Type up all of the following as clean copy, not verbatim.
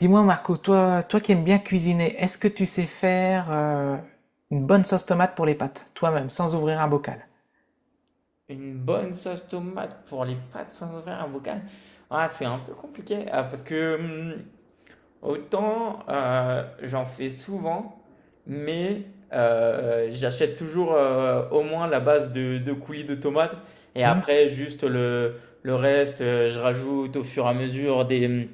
Dis-moi Marco, toi, qui aimes bien cuisiner, est-ce que tu sais faire une bonne sauce tomate pour les pâtes, toi-même, sans ouvrir un bocal? Une bonne sauce tomate pour les pâtes sans ouvrir un bocal? Ah, c'est un peu compliqué ah, parce que autant j'en fais souvent, mais j'achète toujours au moins la base de coulis de tomates et Hmm. après juste le reste, je rajoute au fur et à mesure des,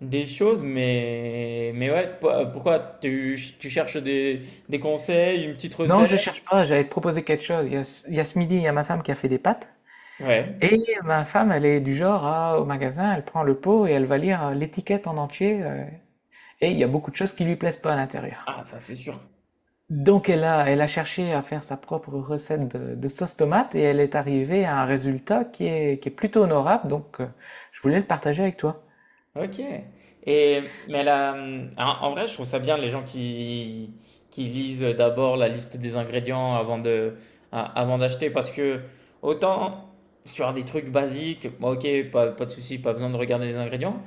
des choses. Mais ouais, pourquoi tu cherches des conseils, une petite Non, je recette? cherche pas, j'allais te proposer quelque chose. Il y a, ce il y a ce midi, il y a ma femme qui a fait des pâtes. Ouais. Et ma femme, elle est du genre à, au magasin, elle prend le pot et elle va lire l'étiquette en entier. Et il y a beaucoup de choses qui lui plaisent pas à l'intérieur. Ah, ça c'est sûr. Donc elle a, elle a cherché à faire sa propre recette de sauce tomate et elle est arrivée à un résultat qui est plutôt honorable. Donc je voulais le partager avec toi. Ok. Et, mais là, en vrai, je trouve ça bien les gens qui lisent d'abord la liste des ingrédients avant de, avant d'acheter parce que autant sur des trucs basiques, bon, ok, pas, pas de souci, pas besoin de regarder les ingrédients,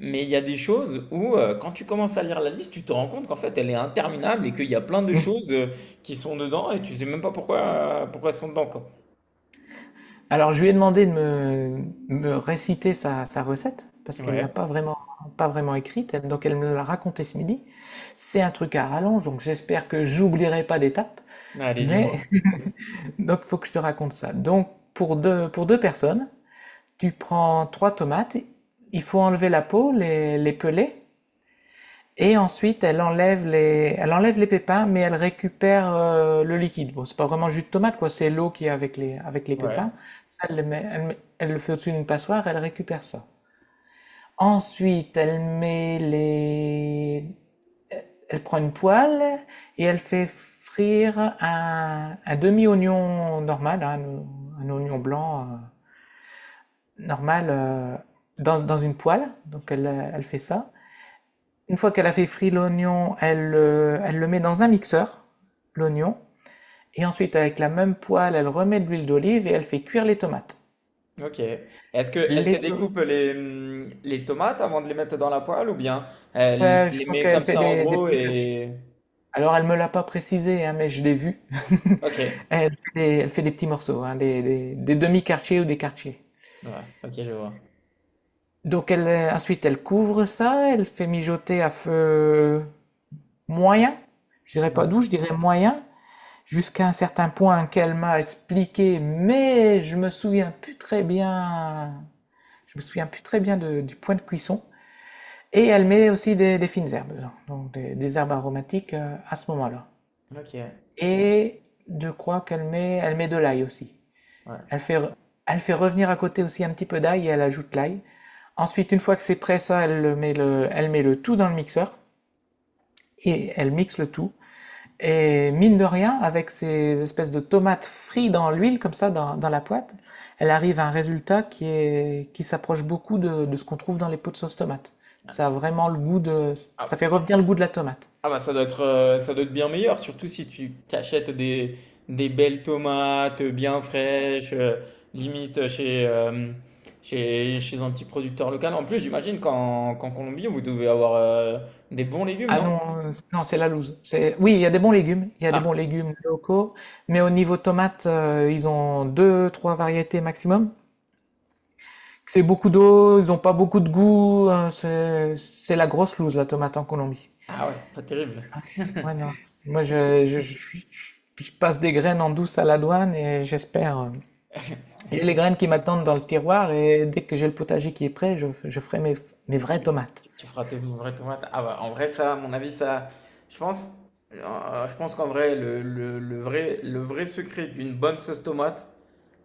mais il y a des choses où quand tu commences à lire la liste, tu te rends compte qu'en fait elle est interminable et qu'il y a plein de Mhm. choses qui sont dedans et tu sais même pas pourquoi, pourquoi elles sont dedans, quoi. Alors je lui ai demandé de me, me réciter sa, sa recette parce qu'elle l'a Ouais. pas vraiment, pas vraiment écrite. Donc elle me l'a racontée ce midi. C'est un truc à rallonge, donc j'espère que j'oublierai pas d'étape. Allez, Mais dis-moi. donc, il faut que je te raconte ça. Donc, pour deux personnes, tu prends trois tomates, il faut enlever la peau, les peler, et ensuite elle enlève les pépins, mais elle récupère le liquide. Bon, c'est pas vraiment jus de tomate, quoi, c'est l'eau qui est avec les Ouais. pépins. Ça, elle, elle le fait au-dessus d'une passoire, elle récupère ça. Ensuite, elle met les, elle prend une poêle et elle fait frire un demi-oignon normal, hein, un oignon blanc. Normale dans, dans une poêle, donc elle, elle fait ça. Une fois qu'elle a fait frire l'oignon, elle, elle le met dans un mixeur, l'oignon, et ensuite avec la même poêle, elle remet de l'huile d'olive et elle fait cuire les tomates. Ok. Est-ce que est-ce qu'elle Les to- découpe les tomates avant de les mettre dans la poêle ou bien elle ouais, je les crois met qu'elle comme fait ça en des gros petits quartiers. et... Alors elle me l'a pas précisé, hein, mais je l'ai vu. Ok. Ouais, elle fait des petits morceaux, hein, des, des demi-quartiers ou des quartiers. ok, je vois. Donc elle, ensuite elle couvre ça, elle fait mijoter à feu moyen, je dirais pas Ouais. doux, je dirais moyen, jusqu'à un certain point qu'elle m'a expliqué, mais je me souviens plus très bien. Je me souviens plus très bien du point de cuisson. Et elle met aussi des fines herbes, donc des herbes aromatiques à ce moment-là. Ok. Ouais. Et je crois qu'elle met, elle met de l'ail aussi. Elle fait, elle fait revenir à côté aussi un petit peu d'ail et elle ajoute l'ail. Ensuite, une fois que c'est prêt, ça, elle met le tout dans le mixeur et elle mixe le tout. Et mine de rien, avec ces espèces de tomates frites dans l'huile, comme ça, dans, dans la poêle, elle arrive à un résultat qui est, qui s'approche beaucoup de ce qu'on trouve dans les pots de sauce tomate. Ça a vraiment le goût de, ça Ah, fait revenir le goût de la tomate. ah bah ça doit être bien meilleur, surtout si tu t'achètes des belles tomates bien fraîches, limite chez, chez, chez un petit producteur local. En plus, j'imagine qu'en Colombie, vous devez avoir des bons légumes, Ah non, non? Non, c'est la loose. C'est, oui, il y a des bons légumes, il y a des Ah, bons légumes locaux, mais au niveau tomate, ils ont deux, trois variétés maximum. C'est beaucoup d'eau, ils ont pas beaucoup de goût, hein, c'est la grosse loose, la tomate en Colombie. ah ouais, c'est pas terrible. Ouais, non. Moi, je- je passe des graines en douce à la douane et j'espère. J'ai les graines qui m'attendent dans le tiroir et dès que j'ai le potager qui est prêt, je, je ferai mes, mes vraies Tu tomates. Feras tes vraies tomates? Ah bah, en vrai, ça, à mon avis, ça, je pense, je pense qu'en vrai, le, le vrai secret d'une bonne sauce tomate,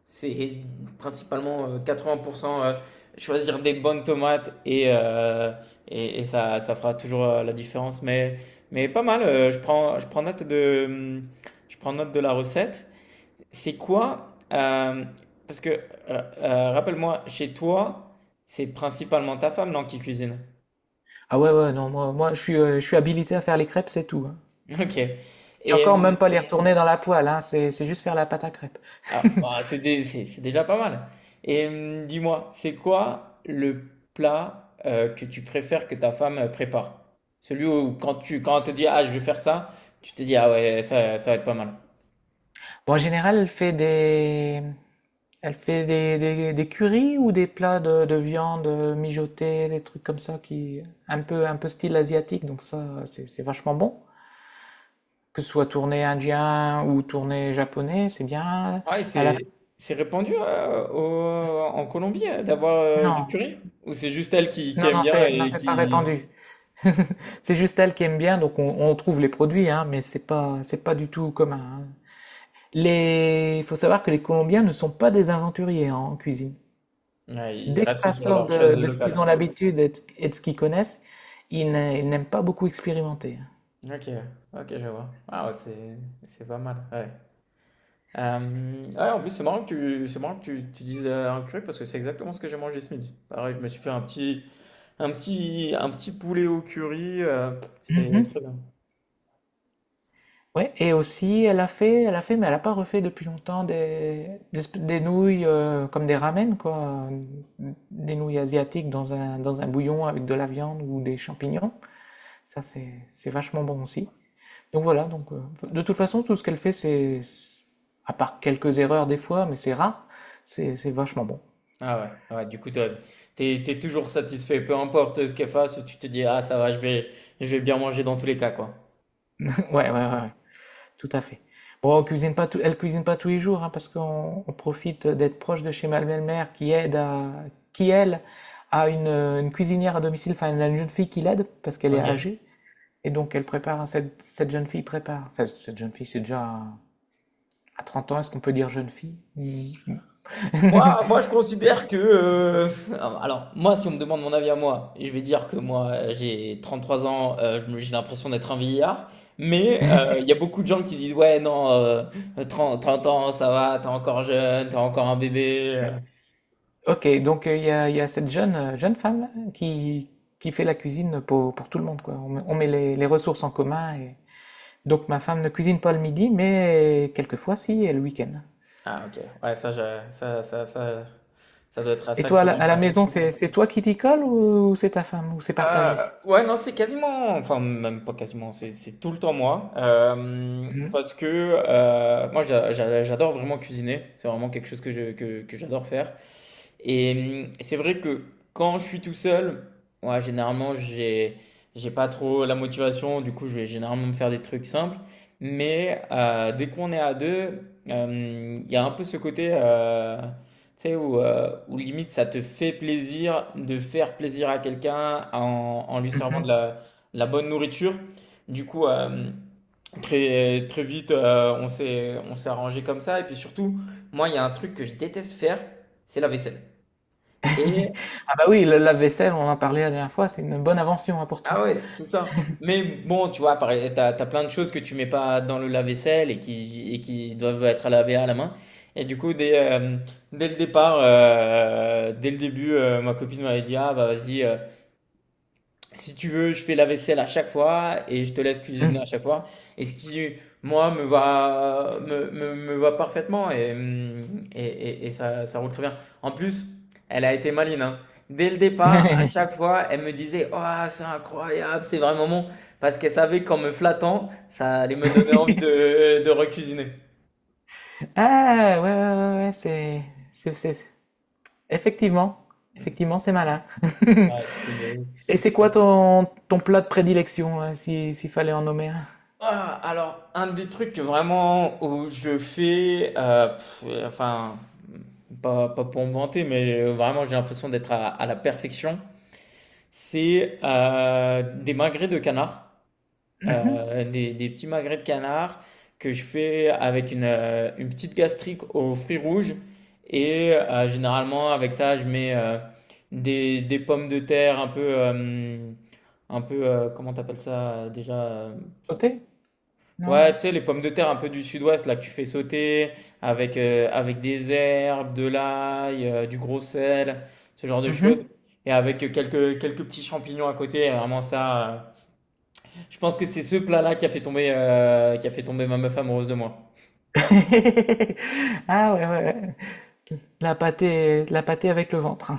c'est principalement 80% choisir des bonnes tomates et ça fera toujours la différence. Mais pas mal, je prends note de, je prends note de la recette. C'est quoi, parce que, rappelle-moi, chez toi, c'est principalement ta femme, non, qui cuisine? Ah ouais, ouais, non, moi, moi je suis habilité à faire les crêpes, c'est tout, hein. Ok. Et Et encore, même pas les retourner dans la poêle, hein, c'est juste faire la pâte à crêpes. ah, bah, c'est c'est déjà pas mal. Et dis-moi, c'est quoi le plat que tu préfères que ta femme prépare? Celui où quand tu quand elle te dit ah je vais faire ça, tu te dis ah ouais ça, ça va être pas mal. Bon, en général, elle fait des currys ou des plats de viande mijotée, des trucs comme ça qui, un peu style asiatique, donc ça, c'est vachement bon. Que ce soit tourné indien ou tourné japonais, c'est bien. Ah et À la fin- c'est répandu au- en Colombie d'avoir du Non, curry? Ou c'est juste elle qui non, aime non, bien c'est non, et c'est pas qui répandu. C'est juste elle qui aime bien, donc on trouve les produits, hein, mais c'est pas du tout commun, hein. Les, il faut savoir que les Colombiens ne sont pas des aventuriers, hein, en cuisine. ouais, ils Dès que restent ça sur sort leur chose de ce qu'ils ont locale? l'habitude et de ce qu'ils connaissent, ils n'aiment pas beaucoup expérimenter. Ok, ok je vois. Ah ouais, c'est pas mal. Ouais. Ouais, en plus, c'est marrant que tu, c'est marrant que tu dises un curry parce que c'est exactement ce que j'ai mangé ce midi. Pareil, je me suis fait un petit, un petit, un petit poulet au curry. C'était Mhm. très bien. Ouais, et aussi, elle a fait, mais elle a pas refait depuis longtemps des, des nouilles comme des ramen, quoi. Des nouilles asiatiques dans un bouillon avec de la viande ou des champignons. Ça, c'est vachement bon aussi. Donc voilà, donc, de toute façon, tout ce qu'elle fait, à part quelques erreurs des fois, mais c'est rare, c'est vachement bon. Ah ouais, ouais, du coup, toi, t'es, t'es toujours satisfait, peu importe ce qu'elle fasse, tu te dis, ah, ça va, je vais bien manger dans tous les cas, quoi. Ouais, ouais, ouais, ouais. Tout à fait. Bon, on cuisine pas tout- elle cuisine pas tous les jours, hein, parce qu'on on profite d'être proche de chez ma belle-mère qui aide à, qui elle a une cuisinière à domicile, enfin elle a une jeune fille qui l'aide parce qu'elle est Ok. âgée et donc elle prépare, hein, cette, cette jeune fille prépare. Enfin cette jeune fille c'est déjà à 30 ans, est-ce qu'on peut dire jeune fille? Hmm. Moi, moi, je considère que. Alors, moi, si on me demande mon avis à moi, je vais dire que moi, j'ai 33 ans, je j'ai l'impression d'être un vieillard. Mais il y a beaucoup de gens qui disent, ouais, non, 30, 30 ans, ça va, t'es encore jeune, t'es encore un bébé. Ok, donc il y a cette jeune, jeune femme qui fait la cuisine pour tout le monde, quoi. On met les ressources en commun et, donc ma femme ne cuisine pas le midi, mais quelquefois si, et le week-end. Ah, ok. Ouais, ça, je- ça doit être Et toi, sacrément à la pratique. maison, c'est toi qui t'y colle ou c'est ta femme, ou c'est partagé? Euh, ouais, non, c'est quasiment, enfin, même pas quasiment, c'est tout le temps moi. Mhm. Parce que moi, j'adore vraiment cuisiner. C'est vraiment quelque chose que que j'adore faire. Et c'est vrai que quand je suis tout seul, ouais, généralement, j'ai pas trop la motivation. Du coup, je vais généralement me faire des trucs simples. Mais dès qu'on est à deux, il y a un peu ce côté. Tu sais, où, où limite ça te fait plaisir de faire plaisir à quelqu'un en, en lui servant Mhm. De la bonne nourriture. Du coup, très, très vite, on s'est arrangé comme ça. Et puis surtout, moi, il y a un truc que je déteste faire, c'est la vaisselle. Et, Ah bah oui, le lave-vaisselle, on en a parlé la dernière fois, c'est une bonne invention, hein, pour toi. ah ouais, c'est ça. Mais bon, tu vois, pareil, t'as, t'as plein de choses que tu mets pas dans le lave-vaisselle et qui doivent être à laver à la main. Et du coup, dès, dès le départ, dès le début, ma copine m'avait dit, ah bah vas-y. Si tu veux, je fais la vaisselle à chaque fois et je te laisse cuisiner à Mhm. chaque fois. Et ce qui, moi, me va, me va parfaitement et, et ça roule très bien. En plus, elle a été maline, hein. Dès le départ, à chaque fois, elle me disait, oh, c'est incroyable, c'est vraiment bon. Parce qu'elle savait qu'en me flattant, ça allait me donner envie de recuisiner. Ah ouais, ouais, ouais, ouais, ouais, c'est, c'est, c'est- effectivement, effectivement, c'est malin. Ouais, c'est bien. Et c'est quoi ton, ton plat de prédilection, hein, si, s'il fallait en nommer un? Ah, alors, un des trucs vraiment où je fais, pff, enfin, pas, pas pour me vanter, mais vraiment j'ai l'impression d'être à la perfection, c'est des magrets de canard. Mhm. Des petits magrets de canard que je fais avec une petite gastrique aux fruits rouges. Et généralement, avec ça, je mets des pommes de terre un peu comment t'appelles ça déjà? Sauté? Non? Ouais, tu sais, les pommes de terre un peu du sud-ouest, là, que tu fais sauter avec, avec des herbes, de l'ail, du gros sel, ce genre de choses. Mhm. Et avec quelques, quelques petits champignons à côté, vraiment ça. Je pense que c'est ce plat-là qui a fait tomber, qui a fait tomber ma meuf amoureuse de moi. Ah ouais, ouais, ouais. La pâtée avec le ventre.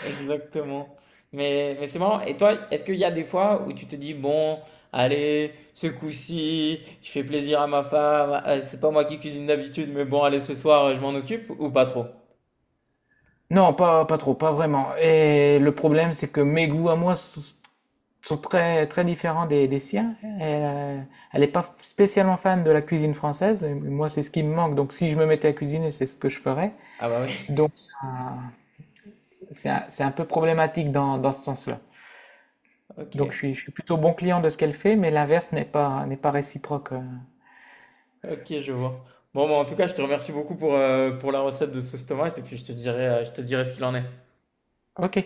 Exactement. Mais c'est marrant. Et toi, est-ce qu'il y a des fois où tu te dis, bon, allez, ce coup-ci, je fais plaisir à ma femme, c'est pas moi qui cuisine d'habitude, mais bon, allez, ce soir, je m'en occupe, ou pas trop? Non, pas, pas trop, pas vraiment. Et le problème, c'est que mes goûts à moi sont très, très différents des siens. Elle, elle n'est pas spécialement fan de la cuisine française. Et moi, c'est ce qui me manque. Donc, si je me mettais à cuisiner, c'est ce que je ferais. Ah bah oui, Donc, c'est un, c'est un peu problématique dans, dans ce sens-là. Donc, ok. Je suis plutôt bon client de ce qu'elle fait, mais l'inverse n'est pas, n'est pas réciproque. Ok, je vois. Bon, bah, en tout cas, je te remercie beaucoup pour la recette de sauce tomate et puis je te dirai ce qu'il en est. Ok.